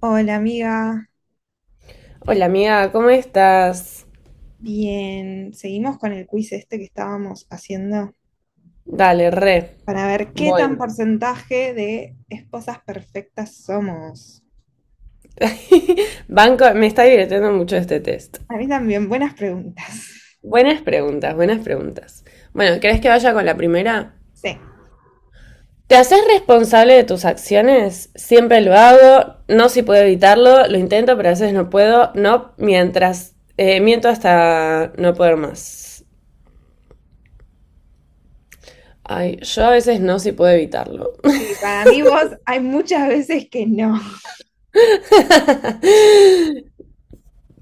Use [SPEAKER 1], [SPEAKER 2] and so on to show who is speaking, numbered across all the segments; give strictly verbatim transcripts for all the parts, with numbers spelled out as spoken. [SPEAKER 1] Hola amiga,
[SPEAKER 2] Hola amiga, ¿cómo estás?
[SPEAKER 1] bien, seguimos con el quiz este que estábamos haciendo
[SPEAKER 2] Dale, re.
[SPEAKER 1] para ver qué tan
[SPEAKER 2] Bueno,
[SPEAKER 1] porcentaje de esposas perfectas somos.
[SPEAKER 2] banco, me está divirtiendo mucho este test.
[SPEAKER 1] A mí también, buenas preguntas.
[SPEAKER 2] Buenas preguntas, buenas preguntas. Bueno, ¿crees que vaya con la primera?
[SPEAKER 1] Sí,
[SPEAKER 2] ¿Te haces responsable de tus acciones? Siempre lo hago, no si puedo evitarlo, lo intento, pero a veces no puedo, no mientras, eh, miento hasta no poder más. Ay, yo a veces no si puedo evitarlo.
[SPEAKER 1] sí, para mí vos hay muchas veces que no.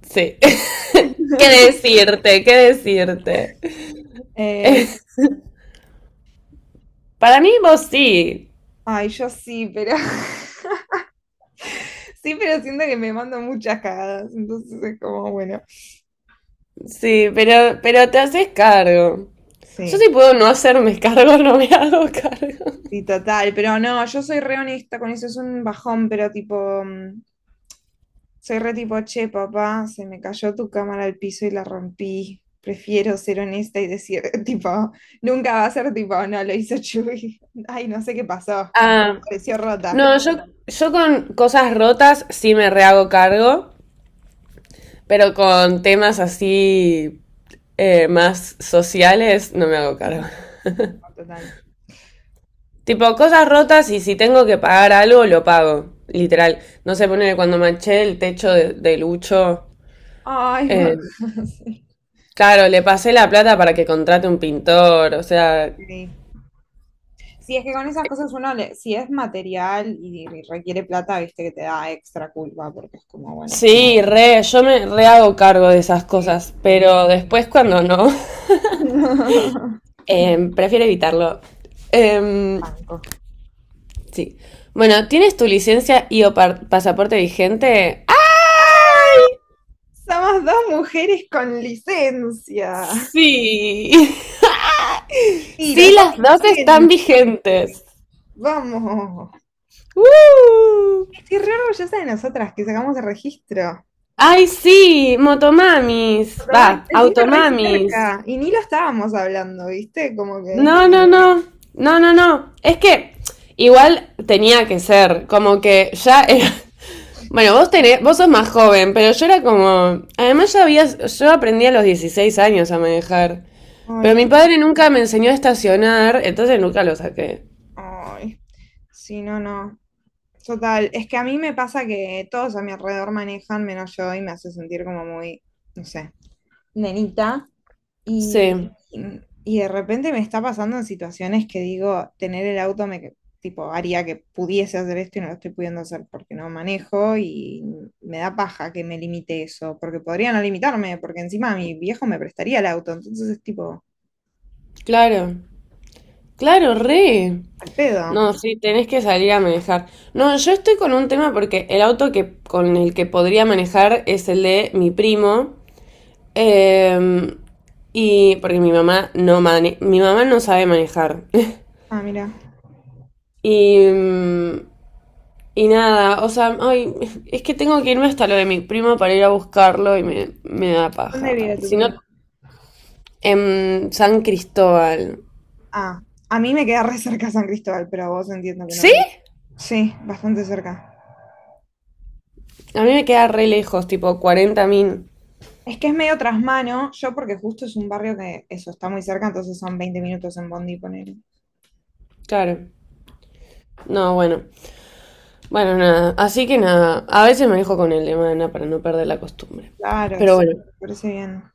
[SPEAKER 2] Sí. ¿Qué decirte? ¿Qué decirte?
[SPEAKER 1] Eh,
[SPEAKER 2] Para mí vos sí.
[SPEAKER 1] ay, yo sí, pero sí, pero siento que me mando muchas cagadas, entonces es como, bueno,
[SPEAKER 2] Sí, pero, pero te haces cargo. Yo si
[SPEAKER 1] sí.
[SPEAKER 2] puedo no hacerme cargo, no me hago cargo.
[SPEAKER 1] Sí, total, pero no, yo soy re honesta con eso, es un bajón, pero tipo, mm, soy re tipo, che, papá, se me cayó tu cámara al piso y la rompí. Prefiero ser honesta y decir, tipo, nunca va a ser tipo, no, lo hizo Chuy. Ay, no sé qué pasó.
[SPEAKER 2] Ah,
[SPEAKER 1] Pareció rota.
[SPEAKER 2] no, yo, yo con cosas rotas sí me rehago cargo, pero con temas así eh, más sociales no me hago cargo.
[SPEAKER 1] No, total.
[SPEAKER 2] Tipo, cosas rotas y si tengo que pagar algo, lo pago. Literal. No sé, ponele cuando manché el techo de, de Lucho.
[SPEAKER 1] Ay,
[SPEAKER 2] eh,
[SPEAKER 1] Mac- sí.
[SPEAKER 2] claro, le pasé la plata para que contrate un pintor. O sea,
[SPEAKER 1] Sí. Si es que con esas cosas uno, le- si es material y requiere plata, viste que te da extra culpa, porque es como, bueno.
[SPEAKER 2] sí, re, yo me re hago cargo de esas
[SPEAKER 1] Sí,
[SPEAKER 2] cosas,
[SPEAKER 1] sí.
[SPEAKER 2] pero después cuando no,
[SPEAKER 1] Banco.
[SPEAKER 2] em, prefiero evitarlo. Em, sí. Bueno, ¿tienes tu licencia y o par- pasaporte vigente? ¡Ay!
[SPEAKER 1] Somos dos mujeres con licencia.
[SPEAKER 2] Sí.
[SPEAKER 1] Sí, los
[SPEAKER 2] Sí,
[SPEAKER 1] dos
[SPEAKER 2] las dos están
[SPEAKER 1] vigentes.
[SPEAKER 2] vigentes.
[SPEAKER 1] Vamos.
[SPEAKER 2] ¡Woo!
[SPEAKER 1] Estoy re orgullosa de nosotras que sacamos el registro.
[SPEAKER 2] ¡Ay, sí! Motomamis. Va,
[SPEAKER 1] Tomá, encima re
[SPEAKER 2] automamis.
[SPEAKER 1] cerca. Y ni lo estábamos hablando, ¿viste? Como que.
[SPEAKER 2] No, no, no. No, no, no. Es que igual tenía que ser, como que ya era- Bueno, vos tenés, vos sos más joven, pero yo era como. Además ya había, yo aprendí a los dieciséis años a manejar. Pero mi
[SPEAKER 1] Ay,
[SPEAKER 2] padre nunca me enseñó a estacionar, entonces nunca lo saqué.
[SPEAKER 1] ay. Sí, no, no. Total. Es que a mí me pasa que todos a mi alrededor manejan menos yo y me hace sentir como muy, no sé. Nenita. Y,
[SPEAKER 2] Sí,
[SPEAKER 1] y de repente me está pasando en situaciones que digo, tener el auto me tipo haría que pudiese hacer esto y no lo estoy pudiendo hacer porque no manejo y me da paja que me limite eso, porque podría no limitarme, porque encima mi viejo me prestaría el auto, entonces es tipo,
[SPEAKER 2] claro. Claro, re.
[SPEAKER 1] al pedo.
[SPEAKER 2] No, sí, tenés que salir a manejar. No, yo estoy con un tema porque el auto que, con el que podría manejar es el de mi primo. Eh, y porque mi mamá no mane- mi mamá no sabe manejar.
[SPEAKER 1] Ah, mira,
[SPEAKER 2] Y mm, y nada, o sea, ay, es que tengo que irme hasta lo de mi primo para ir a buscarlo y me, me da
[SPEAKER 1] ¿dónde
[SPEAKER 2] paja.
[SPEAKER 1] vive tu
[SPEAKER 2] Si no,
[SPEAKER 1] primo?
[SPEAKER 2] en San Cristóbal.
[SPEAKER 1] Ah, a mí me queda re cerca San Cristóbal, pero a vos entiendo que
[SPEAKER 2] ¿Sí?
[SPEAKER 1] no. Sí, bastante cerca.
[SPEAKER 2] A mí me queda re lejos, tipo cuarenta min.
[SPEAKER 1] Es que es medio trasmano, yo porque justo es un barrio que eso está muy cerca, entonces son veinte minutos en Bondi, poner
[SPEAKER 2] Claro. No, bueno. Bueno, nada. Así que nada. A veces me dejo con el de mana para no perder la costumbre.
[SPEAKER 1] claro,
[SPEAKER 2] Pero
[SPEAKER 1] sí,
[SPEAKER 2] bueno.
[SPEAKER 1] me parece bien.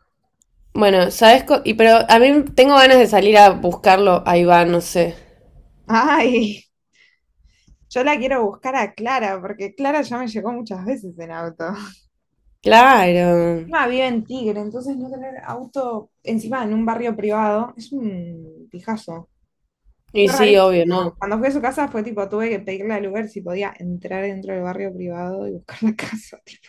[SPEAKER 2] Bueno, ¿sabes? co- Y pero a mí tengo ganas de salir a buscarlo a Iván, no sé.
[SPEAKER 1] Ay, yo la quiero buscar a Clara, porque Clara ya me llegó muchas veces en auto.
[SPEAKER 2] Claro.
[SPEAKER 1] Encima vive en Tigre, entonces no tener auto encima en un barrio privado es un pijazo.
[SPEAKER 2] Y
[SPEAKER 1] Fue
[SPEAKER 2] sí,
[SPEAKER 1] rarísimo.
[SPEAKER 2] obvio, ¿no?
[SPEAKER 1] Cuando fui a su casa fue tipo, tuve que pedirle al Uber si podía entrar dentro del barrio privado y buscar la casa. tipo,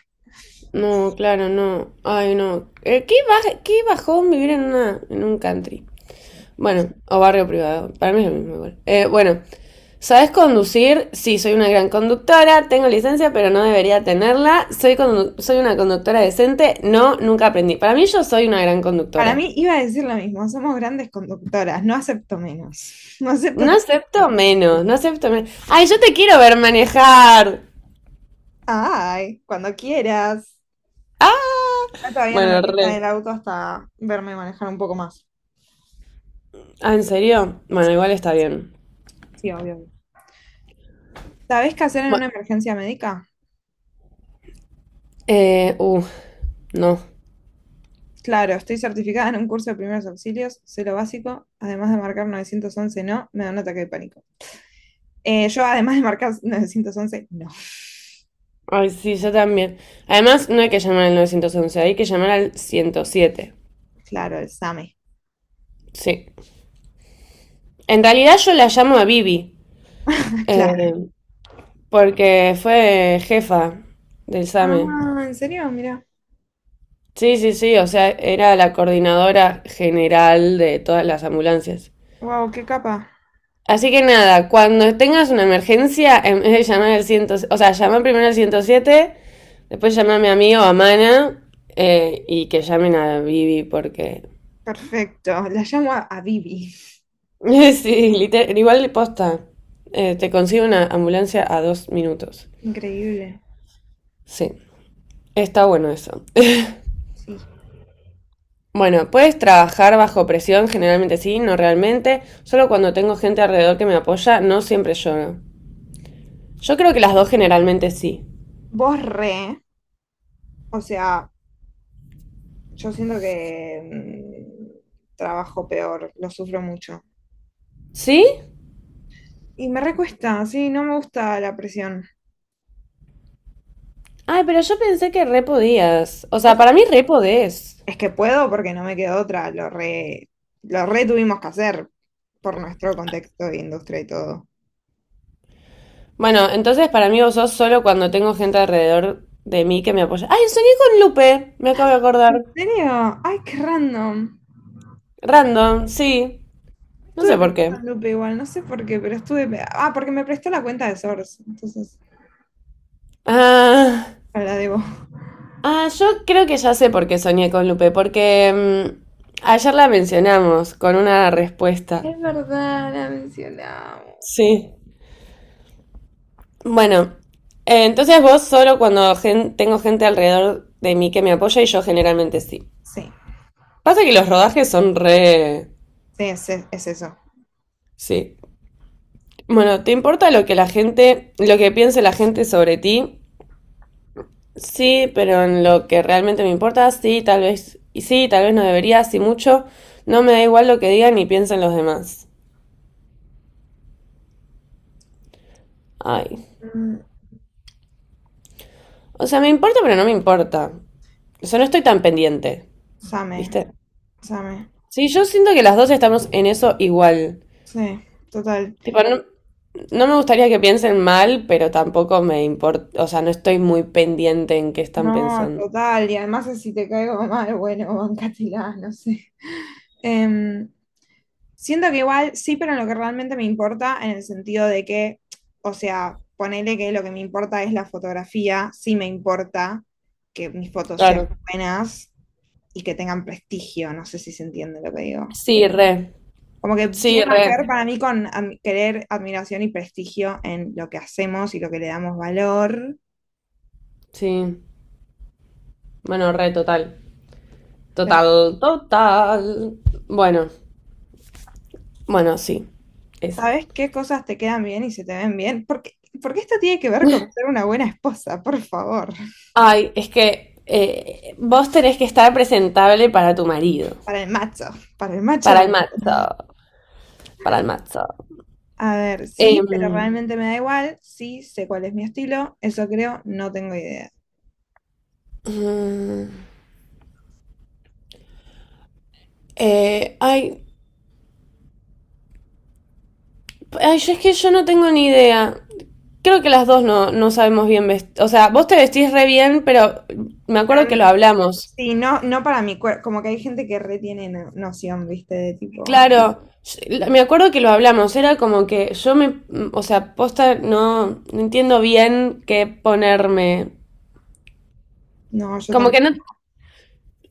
[SPEAKER 2] No, claro, no. Ay, no. Eh, ¿Qué, baj- qué bajón vivir en una, en un country?
[SPEAKER 1] sí.
[SPEAKER 2] Bueno, o barrio privado. Para mí es lo mismo igual. Eh, bueno, ¿sabes conducir? Sí, soy una gran conductora. Tengo licencia, pero no debería tenerla. Soy, condu- soy una conductora decente. No, nunca aprendí. Para mí yo soy una gran
[SPEAKER 1] Para
[SPEAKER 2] conductora.
[SPEAKER 1] mí iba a decir lo mismo, somos grandes conductoras, no acepto menos. No acepto
[SPEAKER 2] No
[SPEAKER 1] otra
[SPEAKER 2] acepto
[SPEAKER 1] respuesta.
[SPEAKER 2] menos, no acepto menos. Ay, yo te quiero ver manejar.
[SPEAKER 1] Ay, cuando quieras.
[SPEAKER 2] Ah,
[SPEAKER 1] Acá todavía no me
[SPEAKER 2] bueno,
[SPEAKER 1] prestan
[SPEAKER 2] re.
[SPEAKER 1] el auto hasta verme manejar un poco más.
[SPEAKER 2] Ah, ¿en serio? Bueno, igual está bien.
[SPEAKER 1] Sí, obvio. Obvio. ¿Sabés qué hacer en una
[SPEAKER 2] Bueno,
[SPEAKER 1] emergencia médica?
[SPEAKER 2] eh, uh, no.
[SPEAKER 1] Claro, estoy certificada en un curso de primeros auxilios, sé lo básico, además de marcar novecientos once, no, me da un ataque de pánico. Eh, yo además de marcar novecientos once, no.
[SPEAKER 2] Ay, sí, yo también. Además, no hay que llamar al novecientos once, hay que llamar al ciento siete.
[SPEAKER 1] Claro, el SAME.
[SPEAKER 2] Sí. En realidad yo la llamo a Vivi, eh,
[SPEAKER 1] Claro.
[SPEAKER 2] porque fue jefa del SAME.
[SPEAKER 1] Ah, ¿en serio? Mira.
[SPEAKER 2] Sí, sí, sí, o sea, era la coordinadora general de todas las ambulancias.
[SPEAKER 1] Wow, qué capa.
[SPEAKER 2] Así que nada, cuando tengas una emergencia, en vez de llamar al ciento o sea, llama primero al ciento siete, después llamame a mí o a Mana, eh, y que llamen a Vivi porque
[SPEAKER 1] Perfecto. La llamo a, a Bibi.
[SPEAKER 2] sí, literal, igual posta. Eh, te consigue una ambulancia a dos minutos.
[SPEAKER 1] Increíble.
[SPEAKER 2] Sí, está bueno eso.
[SPEAKER 1] Sí.
[SPEAKER 2] Bueno, puedes trabajar bajo presión, generalmente sí, no realmente. Solo cuando tengo gente alrededor que me apoya, no siempre lloro. Yo creo que las dos generalmente sí.
[SPEAKER 1] Vos re, o sea, yo siento que mm, trabajo peor, lo sufro mucho.
[SPEAKER 2] ¿Sí?
[SPEAKER 1] Y me recuesta, sí, no me gusta la presión.
[SPEAKER 2] Ay, pero yo pensé que re podías. O
[SPEAKER 1] O
[SPEAKER 2] sea,
[SPEAKER 1] sea,
[SPEAKER 2] para mí re podés.
[SPEAKER 1] es que puedo porque no me quedó otra, lo re, lo re tuvimos que hacer por nuestro contexto de industria y todo.
[SPEAKER 2] Bueno, entonces para mí vos sos solo cuando tengo gente alrededor de mí que me apoya. Ay, soñé con Lupe, me acabo de acordar.
[SPEAKER 1] ¿En serio? Ay, qué random.
[SPEAKER 2] Random, sí. No
[SPEAKER 1] Estuve
[SPEAKER 2] sé por
[SPEAKER 1] pensando
[SPEAKER 2] qué.
[SPEAKER 1] en Lupe igual, no sé por qué, pero estuve... pe- ah, porque me prestó la cuenta de Source, entonces
[SPEAKER 2] Ah,
[SPEAKER 1] la debo.
[SPEAKER 2] ah, yo creo que ya sé por qué soñé con Lupe, porque mm, ayer la mencionamos con una respuesta.
[SPEAKER 1] Es verdad, la mencionamos.
[SPEAKER 2] Sí. Bueno, eh, entonces vos solo cuando gen- tengo gente alrededor de mí que me apoya y yo generalmente sí.
[SPEAKER 1] Sí,
[SPEAKER 2] Pasa que los rodajes son re...
[SPEAKER 1] sí, es, es eso.
[SPEAKER 2] Sí. Bueno, ¿te importa lo que la gente, lo que piense la gente sobre ti? Sí, pero en lo que realmente me importa, sí, tal vez, y sí, tal vez no debería, sí mucho. No me da igual lo que digan ni piensen los demás. Ay.
[SPEAKER 1] Mm,
[SPEAKER 2] O sea, me importa, pero no me importa. O sea, no estoy tan pendiente,
[SPEAKER 1] Same,
[SPEAKER 2] ¿viste?
[SPEAKER 1] same,
[SPEAKER 2] Sí, yo siento que las dos estamos en eso igual.
[SPEAKER 1] sí, total.
[SPEAKER 2] Tipo, no, no me gustaría que piensen mal, pero tampoco me importa. O sea, no estoy muy pendiente en qué están
[SPEAKER 1] No,
[SPEAKER 2] pensando.
[SPEAKER 1] total, y además si te caigo mal, bueno, bancátela, no sé. Em, siento que igual sí, pero en lo que realmente me importa, en el sentido de que, o sea, ponele que lo que me importa es la fotografía, sí me importa que mis fotos sean
[SPEAKER 2] Claro.
[SPEAKER 1] buenas y que tengan prestigio, no sé si se entiende lo que digo.
[SPEAKER 2] Sí, re.
[SPEAKER 1] Como que
[SPEAKER 2] Sí,
[SPEAKER 1] tiene más que ver
[SPEAKER 2] re.
[SPEAKER 1] para mí con am- querer admiración y prestigio en lo que hacemos y lo que le damos valor.
[SPEAKER 2] Sí. Bueno, re, total. Total, total. Bueno, bueno, sí. Esa.
[SPEAKER 1] ¿Sabes qué cosas te quedan bien y se te ven bien? Porque, porque esto tiene que ver con ser una buena esposa, por favor.
[SPEAKER 2] Ay, es que eh, vos tenés que estar presentable para tu marido.
[SPEAKER 1] Para el macho, para el
[SPEAKER 2] Para
[SPEAKER 1] macho.
[SPEAKER 2] el matzo, para el matzo.
[SPEAKER 1] A ver, sí,
[SPEAKER 2] Em,
[SPEAKER 1] pero realmente me da igual. Sí, sé cuál es mi estilo. Eso creo, no tengo idea.
[SPEAKER 2] mm, eh, ay, ay, yo es que yo no tengo ni idea. Creo que las dos no, no sabemos bien vestir. O sea, vos te vestís re bien, pero me acuerdo
[SPEAKER 1] Pero,
[SPEAKER 2] que lo hablamos.
[SPEAKER 1] sí, no, no para mi cuerpo. Como que hay gente que retiene no- noción, ¿viste? De tipo,
[SPEAKER 2] Claro, yo- me acuerdo que lo hablamos. Era como que yo me, o sea, posta, no, no entiendo bien qué ponerme.
[SPEAKER 1] no, yo
[SPEAKER 2] Como que no.
[SPEAKER 1] tampoco.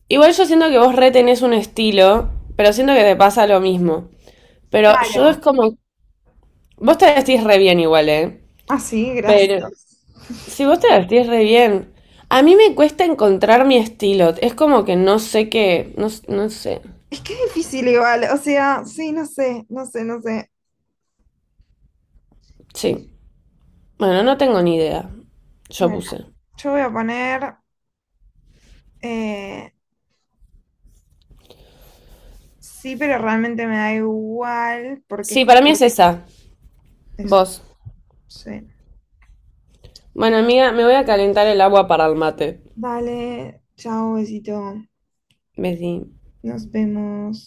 [SPEAKER 2] Igual yo siento que vos re tenés un estilo, pero siento que te pasa lo mismo. Pero yo es
[SPEAKER 1] Claro.
[SPEAKER 2] como vos te vestís re bien igual, ¿eh?
[SPEAKER 1] Ah, sí, gracias.
[SPEAKER 2] Pero si vos te vestís re bien, a mí me cuesta encontrar mi estilo. Es como que no sé qué, no, s- no sé.
[SPEAKER 1] Es que es difícil igual. O sea, sí, no sé, no sé, no sé.
[SPEAKER 2] Sí. Bueno, no tengo ni idea. Yo
[SPEAKER 1] Bueno,
[SPEAKER 2] puse.
[SPEAKER 1] yo voy a poner eh, sí, pero realmente me da igual porque
[SPEAKER 2] Sí,
[SPEAKER 1] es
[SPEAKER 2] para mí es esa.
[SPEAKER 1] eso.
[SPEAKER 2] Vos.
[SPEAKER 1] Sí.
[SPEAKER 2] Bueno, amiga, me voy a calentar el agua para el mate.
[SPEAKER 1] Dale, chao, besito.
[SPEAKER 2] Besí.
[SPEAKER 1] Nos vemos.